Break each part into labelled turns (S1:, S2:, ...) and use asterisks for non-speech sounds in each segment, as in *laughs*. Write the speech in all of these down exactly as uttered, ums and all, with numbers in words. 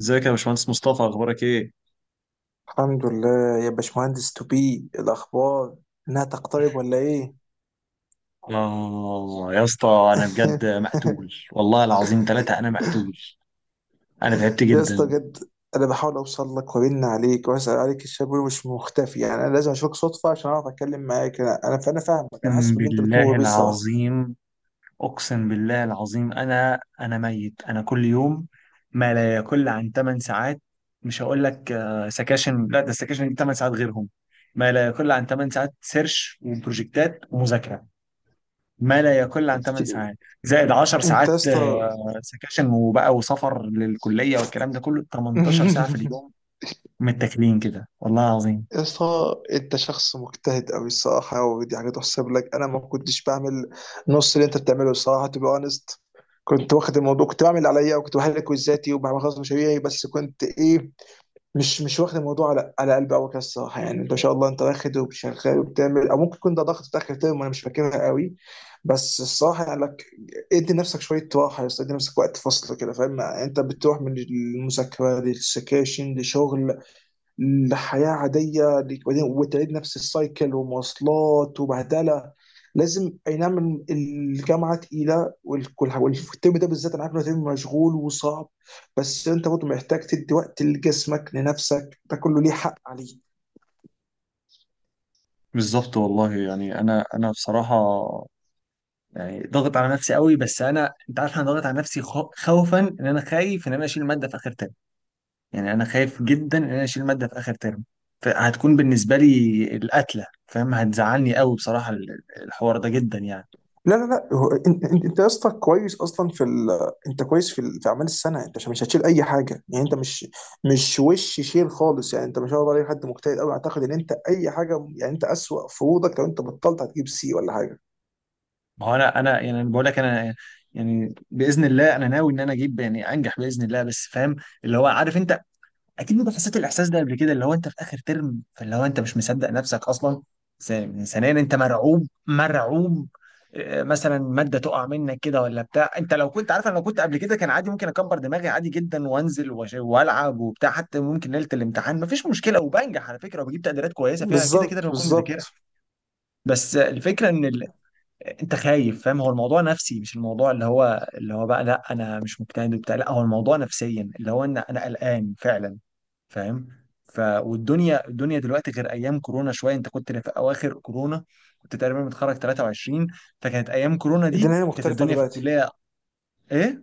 S1: ازيك يا باشمهندس مصطفى، اخبارك ايه؟
S2: الحمد لله يا باشمهندس توبي الاخبار. انها تقترب ولا ايه؟
S1: اه يا اسطى، انا بجد مقتول
S2: *laughs*
S1: والله العظيم، ثلاثة انا مقتول. انا تعبت
S2: يا اسطى
S1: جدا.
S2: بجد، انا بحاول اوصل لك وارن عليك واسال عليك. الشاب مش مختفي، يعني انا لازم اشوفك صدفه عشان اعرف اتكلم معاك. انا انا فانا فاهمك، انا حاسس
S1: اقسم
S2: باللي انت بتمر
S1: بالله
S2: بيه الصراحه.
S1: العظيم. اقسم بالله العظيم انا انا ميت. انا كل يوم ما لا يقل عن 8 ساعات، مش هقول لك آه، سكاشن. لا، ده السكاشن دي 8 ساعات غيرهم. ما لا يقل عن 8 ساعات سيرش وبروجكتات ومذاكرة. ما لا يقل عن 8
S2: كتير.
S1: ساعات زائد 10
S2: انت
S1: ساعات
S2: يا اسطى.
S1: آه، سكاشن وبقى وسفر للكلية، والكلام ده كله 18 ساعة في
S2: *laughs*
S1: اليوم. متاكلين كده والله العظيم.
S2: يا اسطى، انت شخص مجتهد قوي الصراحه، ودي حاجه تحسب لك. انا ما كنتش بعمل نص اللي انت بتعمله الصراحه، تو بي اونست. كنت واخد الموضوع، كنت بعمل اللي عليا وكنت بحل كويزاتي وبعمل خلاص مشاريعي، بس كنت ايه، مش مش واخد الموضوع على على قلبي قوي كده الصراحه. يعني انت ما شاء الله، انت واخد وشغال وبتعمل، او ممكن يكون ده ضغط في اخر ترم وانا مش فاكرها قوي. بس الصراحه يعني لك، ادي نفسك شويه راحه يا اسطى، ادي نفسك وقت فصل كده فاهم؟ يعني انت بتروح من المذاكره للسكاشن لشغل لحياة عادية وبعدين- وتعيد نفس السايكل ومواصلات وبهدلة. لازم، اي نعم الجامعة تقيلة، والكل- والترم ده بالذات انا عارف انه ترم مشغول وصعب، بس انت برضه محتاج تدي وقت لجسمك لنفسك. ده كله ليه حق عليك.
S1: بالظبط والله، يعني انا انا بصراحه، يعني ضاغط على نفسي قوي، بس انا انت عارف، انا ضاغط على نفسي خو- خوفا ان انا خايف ان انا اشيل ماده في اخر ترم. يعني انا خايف جدا ان انا اشيل ماده في اخر ترم. فهتكون بالنسبه لي القتله، فاهم؟ هتزعلني قوي بصراحه، ال- الحوار ده جدا يعني.
S2: لا لا لا، هو انت انت أنت يا اسطى كويس اصلا في ال... انت كويس في ال... في اعمال السنه. انت مش مش هتشيل اي حاجه، يعني انت مش مش وش شيل خالص. يعني انت ما شاء الله عليك حد مجتهد قوي، اعتقد ان انت اي حاجه، يعني انت اسوأ فروضك لو انت بطلت هتجيب سي ولا حاجه.
S1: ما هو انا انا يعني أنا بقول لك انا، يعني باذن الله انا ناوي ان انا اجيب، يعني انجح باذن الله، بس فاهم؟ اللي هو عارف انت، اكيد انت حسيت الاحساس ده قبل كده، اللي هو انت في اخر ترم، فاللي هو انت مش مصدق نفسك اصلا. ث- ثانيا انت مرعوب، مرعوب آه، مثلا ماده تقع منك كده ولا بتاع. انت لو كنت عارف، انا لو كنت قبل كده كان عادي، ممكن اكبر دماغي عادي جدا وانزل وأش- والعب وبتاع، حتى ممكن ليله الامتحان مفيش مشكله، وبنجح على فكره وبجيب تقديرات كويسه فيها، كده كده
S2: بالظبط،
S1: انا بكون مذاكرها.
S2: بالظبط.
S1: بس الفكره ان انت خايف، فاهم؟ هو الموضوع نفسي، مش الموضوع اللي هو اللي هو بقى لا انا مش مجتهد وبتاع، لا هو الموضوع نفسيا، اللي هو ان انا قلقان فعلا، فاهم؟ ف والدنيا الدنيا دلوقتي غير ايام كورونا شويه. انت كنت في اواخر كورونا، كنت تقريبا متخرج ثلاثة وعشرون، فكانت ايام كورونا دي،
S2: الدنيا هنا
S1: كانت
S2: مختلفه
S1: الدنيا في
S2: دلوقتي.
S1: الكليه. ايه؟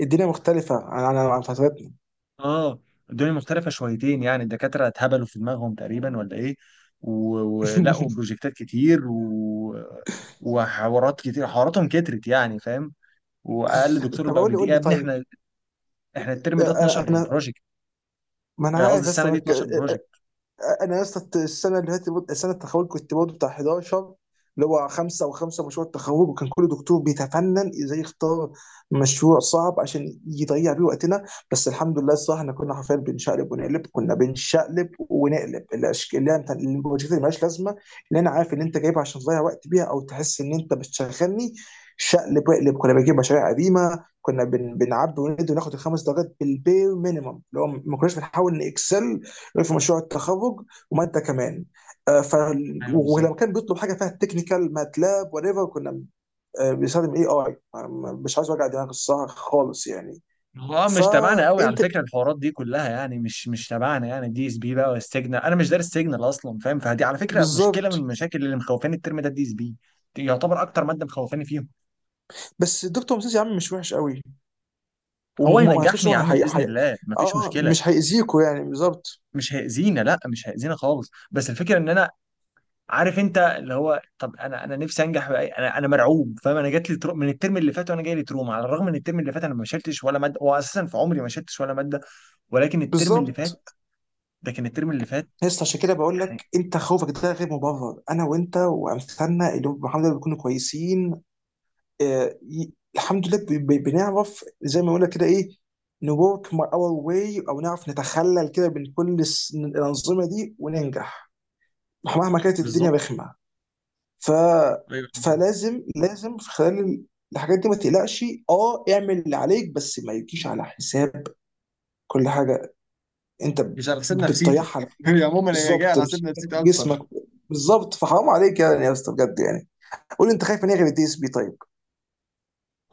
S2: الدنيا مختلفه عن عن عن فترتنا.
S1: اه الدنيا مختلفه شويتين يعني، الدكاتره اتهبلوا في دماغهم تقريبا ولا ايه. و- ولقوا
S2: *laughs*
S1: بروجكتات كتير و... وحوارات كتير، حواراتهم كترت يعني، فاهم؟ واقل دكتور
S2: طب
S1: بقى
S2: قول لي
S1: بيدي
S2: قول
S1: يا
S2: لي
S1: ابني.
S2: طيب.
S1: احنا احنا الترم ده 12
S2: انا انا
S1: بروجكت.
S2: ما انا
S1: آه، قصدي
S2: عارف يا اسطى.
S1: السنه دي 12 بروجكت.
S2: انا يا اسطى السنه اللي فاتت برضه- السنه التخرج كنت برضه بتاع حداشر، اللي هو خمسه او خمسه مشروع التخرج، وكان كل دكتور بيتفنن ازاي يختار مشروع صعب عشان يضيع بيه وقتنا. بس الحمد لله الصراحه احنا كنا حرفيا بنشقلب ونقلب، كنا بنشقلب ونقلب الاشكال اللي هي بتاع- البروجكت اللي مالهاش لازمه، اللي انا عارف اللي انت جايبها عشان تضيع وقت بيها او تحس ان انت بتشغلني. شقلب واقلب. كنا بنجيب مشاريع قديمه، كنا بن... بنعبي وندي وناخد الخمس درجات بالبير مينيمم، اللي هو ما كناش بنحاول نكسل في مشروع التخرج. وماده كمان، آه، ف
S1: ايوه بالظبط.
S2: ولما كان بيطلب حاجه فيها تكنيكال ماتلاب وات ايفر كنا، آه، بنستخدم اي اي. مش عايز اوجع دماغ الصراحه خالص يعني.
S1: هو آه، مش تبعنا قوي على
S2: فانت
S1: فكره، الحوارات دي كلها يعني مش مش تبعنا. يعني دي اس بي بقى والسيجنال، انا مش دارس سيجنال اصلا، فاهم؟ فدي على فكره مشكله من
S2: بالظبط.
S1: المشاكل اللي مخوفاني الترم ده. الدي اس بي يعتبر اكتر ماده مخوفاني فيهم.
S2: بس الدكتور مسيس يا عم مش وحش قوي،
S1: هو
S2: وما ما اعتقدش
S1: ينجحني
S2: ان
S1: يا
S2: هو
S1: عم
S2: هي...
S1: باذن
S2: هي...
S1: الله، مفيش
S2: اه
S1: مشكله.
S2: مش هيأذيكوا يعني. بالظبط،
S1: مش هيأذينا، لا مش هيأذينا خالص. بس الفكره ان انا عارف انت، اللي هو طب انا انا نفسي انجح بأي. انا انا مرعوب، فاهم؟ انا جات لي ترو... من الترم اللي فات، وانا جاي لي تروما، على الرغم ان الترم اللي فات انا ما شلتش ولا ماده. هو اساسا في عمري ما شلتش ولا ماده، ولكن الترم اللي
S2: بالظبط.
S1: فات، ده كان الترم اللي فات
S2: لسه، عشان كده بقول
S1: يعني.
S2: لك، انت خوفك ده غير مبرر. انا وانت وامثالنا اللي هم الحمد لله بيكونوا كويسين، آه، ي- الحمد لله ب- ب- بنعرف زي ما قلنا كده ايه، نورك اور واي او، نعرف نتخلل كده من كل الس- من الانظمه دي وننجح مهما كانت الدنيا
S1: بالظبط
S2: رخمه. ف
S1: ايوه.
S2: فلازم لازم في خلال ال- الحاجات دي ما تقلقش. اه اعمل اللي عليك، بس ما يجيش على حساب كل حاجه انت ب-
S1: مش على حساب نفسيتي
S2: بتضيعها على
S1: *laughs*
S2: فلوس.
S1: هي عموما هي جايه
S2: بالظبط،
S1: على حساب
S2: نفسيتك،
S1: نفسيتي
S2: جسمك.
S1: اكتر.
S2: بالظبط، فحرام عليك يعني يا اسطى بجد يعني. قول لي، انت خايف ان هي غير الدي اس بي طيب؟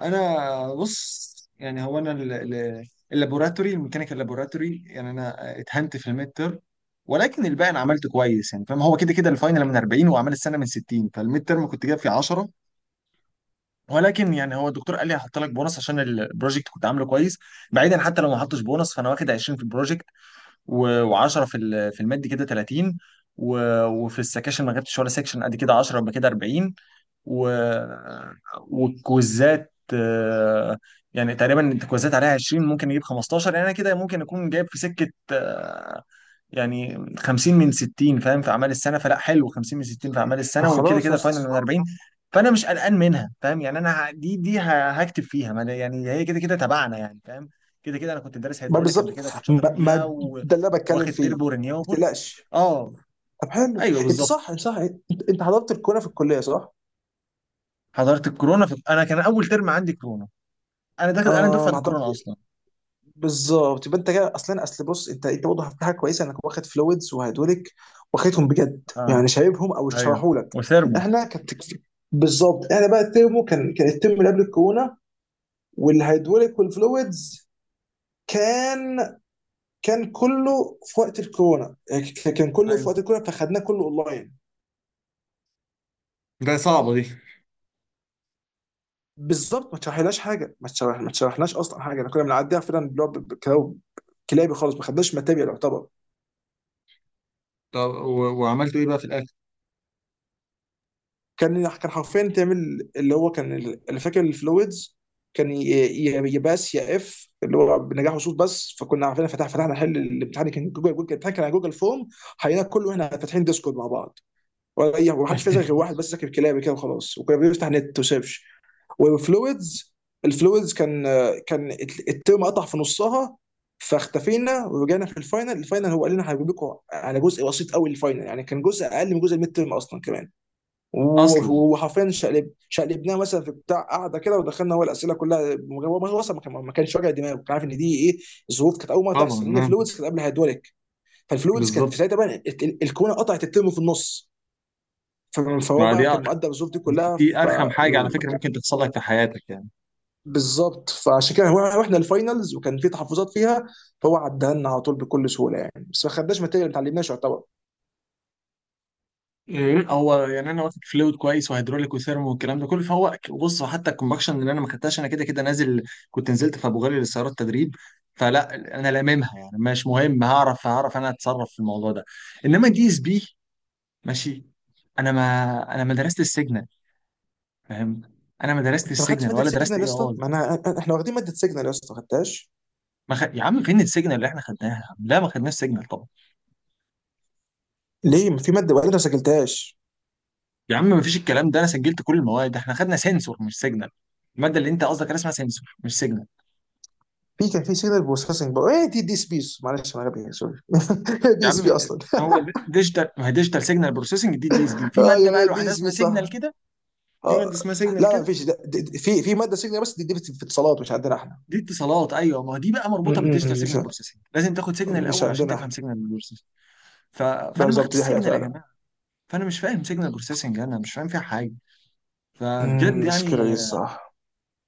S1: انا بص، يعني هو انا ال- ال- اللابوراتوري الميكانيكال لابوراتوري، يعني انا اتهنت في الميد ترم. ولكن الباقي انا عملت كويس، يعني فاهم؟ هو كده كده الفاينل من اربعين واعمال السنه من ستين، فالميد ترم كنت جايب فيه عشرة. ولكن يعني هو الدكتور قال لي هحط لك بونص عشان البروجكت كنت عامله كويس. بعيدا، حتى لو ما حطش بونص، فانا واخد عشرين في البروجكت و10 في ال- في المادي، كده تلاتين. و- وفي السكاشن ما جبتش ولا سكشن، قد كده عشرة، يبقى كده اربعين. و... والكويزات آه، يعني تقريبا الكويزات عليها عشرين، ممكن يجيب خمستاشر، يعني انا كده ممكن اكون جايب في سكه، يعني خمسين من ستين، فاهم؟ في اعمال السنه. فلا حلو، خمسين من ستين في اعمال
S2: طب
S1: السنه، وكده
S2: خلاص يا
S1: كده فاينل من
S2: اسطى.
S1: اربعين. فانا مش قلقان منها، فاهم؟ يعني انا ه- دي دي ه- هكتب فيها، ما أنا يعني هي كده كده تبعنا يعني، فاهم؟ كده كده انا كنت دارس
S2: ما
S1: هيدروليك قبل
S2: بالظبط.
S1: كده، كنت شاطر
S2: ما, ما
S1: فيها و...
S2: ده اللي انا بتكلم
S1: واخد تربو
S2: فيه. ما
S1: رينيوبل.
S2: تقلقش.
S1: اه
S2: طب حلو.
S1: ايوه
S2: انت
S1: بالظبط.
S2: صح، صح. انت, انت حضرت الكوره في الكليه، صح؟
S1: حضرت الكورونا في... انا كان اول ترم عندي كورونا، انا داخل، انا
S2: اه،
S1: دفعه
S2: ما حضرت.
S1: الكورونا اصلا.
S2: بالظبط، يبقى انت كده اصلا. اصل بص، انت انت برضه في حاجه كويسه انك واخد فلويدز وهيدوليك، واخدهم بجد
S1: اه
S2: يعني، شايفهم او
S1: ايوه.
S2: شرحوا لك.
S1: وثيرمو.
S2: احنا كانت، بالظبط، احنا بقى الترمو كان، كان الترم اللي قبل الكورونا. والهيدوليك والفلويدز كان، كان كله في وقت الكورونا، يعني كان كله في
S1: ايوه
S2: وقت الكورونا فخدناه كله اونلاين.
S1: ده صعبة دي.
S2: بالظبط، ما تشرحلهاش حاجه، ما تشرح ما تشرحناش اصلا حاجه. احنا كنا بنعديها فعلا، اللي هو ب- ب- كلاو- كلابي خالص، ما خدناش ماتيريال يعتبر.
S1: طب و... وعملتوا ايه بقى في الاخر؟
S2: كان، كان حرفيا تعمل اللي هو كان ال- اللي فاكر الفلويدز كان ي- ي- يا باس يا اف، اللي هو بنجاح وصول بس، فكنا عارفين فتح فتحنا، حل الامتحان كان جوجل، جوجل الامتحان كان على جوجل فورم. حلينا كله احنا فاتحين ديسكورد مع بعض، ولا اي، ومحدش فينا غير
S1: *laughs*
S2: واحد بس ذاكر كلابي كده وخلاص، وكنا بنفتح نت وسيرش. والفلويدز، الفلويدز كان، كان الترم قطع في نصها، فاختفينا ورجعنا في الفاينل. الفاينل هو قال لنا هجيب لكم على جزء بسيط قوي. الفاينل يعني كان جزء اقل من جزء الميد ترم اصلا كمان. و-
S1: اصلا.
S2: وحرفيا شقلب شقلبناه مثلا في بتاع قاعده كده ودخلنا هو الاسئله كلها. هو اصلا ما كان- ما كانش واجع دماغه، كان عارف ان دي ايه. الظروف كانت اول مره تحصل،
S1: طبعا
S2: لان
S1: آه،
S2: فلويدز كانت قبل هيدروليك. فالفلويدز كانت في
S1: بالظبط.
S2: ساعتها بقى ال- ال- الكونه قطعت الترم في النص. ف- فهو
S1: ما دي
S2: بقى كان مقدر الظروف دي
S1: دي
S2: كلها.
S1: دي
S2: ف
S1: ارخم حاجه على فكره ممكن تحصل لك في حياتك يعني.
S2: بالظبط، فعشان كده هو رحنا الفاينلز وكان في تحفظات فيها، فهو عدها لنا على طول بكل سهوله يعني. بس ما خدناش ماتيريال، ما اتعلمناش يعتبر.
S1: إيه، هو يعني انا واخد فلويد كويس وهيدروليك وثيرمو والكلام ده كله، فهو ك- بص، حتى الكومباكشن اللي انا ما خدتهاش، انا كده كده نازل، كنت نزلت في ابو غالي للسيارات تدريب. فلا انا لاممها، يعني مش مهم، هعرف هعرف انا اتصرف في الموضوع ده. انما دي اس بي، ماشي. انا ما انا ما درست السيجنال، فاهم؟ انا ما درست
S2: انت ما خدتش
S1: السيجنال
S2: ماده
S1: ولا درست
S2: سيجنال يا
S1: اي
S2: اسطى؟
S1: اي.
S2: ما انا احنا واخدين ماده سيجنال يا اسطى، ما خدتهاش.
S1: ما خ... يا عم فين السيجنال اللي احنا خدناها يا عم؟ لا ما خدناش سيجنال.
S2: ليه ما في ماده وقالت ما سجلتهاش؟
S1: يا عم مفيش الكلام ده، انا سجلت كل المواد، احنا خدنا سنسور مش سيجنال. الماده اللي انت قصدك عليها اسمها سنسور مش سيجنال.
S2: في كان في سيجنال بروسيسنج، بقى ايه دي دي اس بي، معلش انا غبي، سوري. *laughs*
S1: يا
S2: دي اس
S1: عم
S2: بي اصلا.
S1: هو ديجيتال، ما هي ديجيتال سيجنال بروسيسنج دي، دي اس بي.
S2: *laughs*
S1: في ماده
S2: ايوه،
S1: بقى
S2: هي دي
S1: لوحدها
S2: اس
S1: اسمها
S2: بي صح.
S1: سيجنال كده. في ماده
S2: آه.
S1: اسمها
S2: لا
S1: سيجنال
S2: لا،
S1: كده.
S2: مفيش. ده- ده-
S1: دي،
S2: ده- في في ماده سيجنال، بس دي, دي في في اتصالات، مش عندنا احنا.
S1: دي اتصالات ايوه. ما هو دي بقى
S2: م-
S1: مربوطه
S2: م-
S1: بالديجيتال
S2: مش
S1: سيجنال بروسيسنج، لازم تاخد سيجنال
S2: مش
S1: الاول عشان
S2: عندنا
S1: تفهم
S2: احنا.
S1: سيجنال بروسيسنج. ف... فانا ما
S2: بالظبط،
S1: خدتش
S2: دي حقيقه
S1: سيجنال يا
S2: فعلا.
S1: جماعه. فانا مش فاهم سيجنال بروسيسنج، انا مش فاهم فيها حاجه. فبجد
S2: مم، مشكله دي
S1: يعني
S2: الصراحه.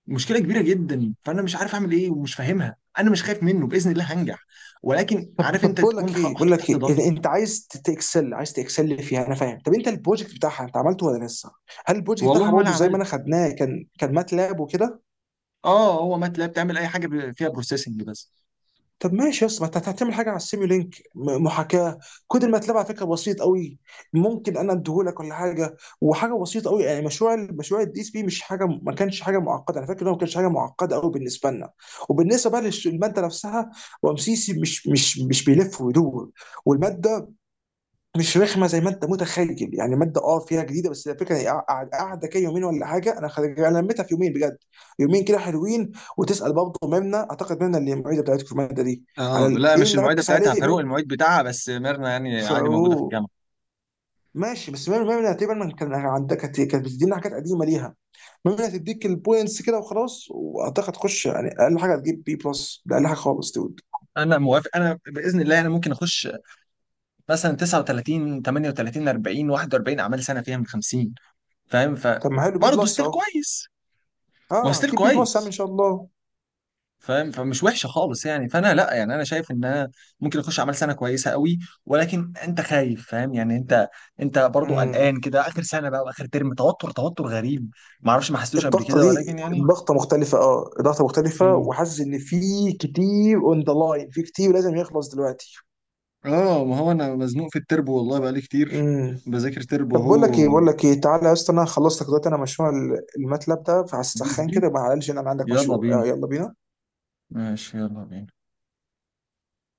S1: مشكله كبيره جدا، فانا مش عارف اعمل ايه، ومش فاهمها. انا مش خايف منه باذن الله هنجح، ولكن عارف
S2: طب
S1: انت
S2: بقول
S1: تكون
S2: لك
S1: ح-
S2: ايه، بقول
S1: محطوط
S2: لك
S1: تحت
S2: ايه
S1: ضغط.
S2: إذا انت عايز تكسل، عايز تكسل فيها انا فاهم. طب انت البروجكت بتاعها، انت عملته ولا لسه؟ هل البروجكت بتاعها
S1: والله ولا
S2: برضه زي ما
S1: عملت.
S2: انا خدناه؟ كان، كان ماتلاب وكده.
S1: اه هو ماتلاب تعمل اي حاجه ب- فيها بروسيسنج بس.
S2: طب ماشي يا اسطى، ما انت هتعمل حاجه على السيميو لينك، م- محاكاه. كود الماتلاب على فكره بسيط قوي، ممكن انا اديهولك ولا حاجه، وحاجه بسيطه قوي يعني. مشروع ال- مشروع الدي اس بي مش حاجه، ما كانش حاجه معقده، انا فاكر انه ما كانش حاجه معقده قوي بالنسبه لنا. وبالنسبه بقى للماده نفسها، رمسيسي مش مش مش بيلف ويدور، والماده مش رخمه زي ما انت متخيل. يعني ماده اه فيها جديده، بس الفكره هي قاعد- قاعده كده يومين ولا حاجه. انا خرج انا لميتها في يومين بجد، يومين كده حلوين. وتسال برضه ممنا، اعتقد ممنا اللي المعيده بتاعتكم في الماده دي. على
S1: اه
S2: ال-
S1: لا
S2: ايه
S1: مش
S2: اللي
S1: المعده
S2: ركز
S1: بتاعتها
S2: عليه
S1: فاروق،
S2: من
S1: المعيد بتاعها بس ميرنا، يعني عادي موجوده في
S2: فروق؟
S1: الجامعه.
S2: ماشي. بس ممنا ممنا تقريبا من كان عندك كانت كانت بتدينا حاجات قديمه ليها. ممنا تديك البوينتس كده وخلاص، واعتقد تخش يعني اقل حاجه هتجيب بي بلس، ده اقل حاجه خالص دود.
S1: انا موافق، انا باذن الله انا ممكن اخش مثلا تسعه وتلاتين ثمانية وثلاثين اربعين واحد واربعين اعمال سنه فيها من خمسين، فاهم؟
S2: طب ما حلو، بي
S1: فبرضه
S2: بلس
S1: ستيل
S2: اهو.
S1: كويس. ما هو
S2: اه
S1: ستيل
S2: هتجيب بي بلس يا عم ان
S1: كويس،
S2: شاء الله.
S1: فاهم؟ فمش وحشه خالص يعني، فانا لا يعني انا شايف ان انا ممكن اخش اعمال سنه كويسه قوي. ولكن انت خايف، فاهم؟ يعني انت انت برضو
S2: امم
S1: قلقان كده، اخر سنه بقى واخر ترم، توتر توتر غريب. ما اعرفش ما حسيتوش قبل
S2: الضغطه
S1: كده،
S2: دي
S1: ولكن يعني *laughs*
S2: ضغطه مختلفه، اه ضغطه مختلفه،
S1: مم.
S2: وحاسس ان في كتير اون ذا لاين، في كتير لازم يخلص دلوقتي.
S1: اه ما هو انا مزنوق في التربو والله بقالي كتير،
S2: امم
S1: بذاكر تربو
S2: طب بقول لك ايه،
S1: هو.
S2: بقول لك ايه تعالى يا اسطى انا خلصت لك دلوقتي انا مشروع ال- الماتلاب ده،
S1: بي اس
S2: فهسخن
S1: بي.
S2: كده يبقى على الأقل انا عندك
S1: يلا
S2: مشروع. آه،
S1: بينا.
S2: يلا بينا.
S1: ماشي يلا بينا.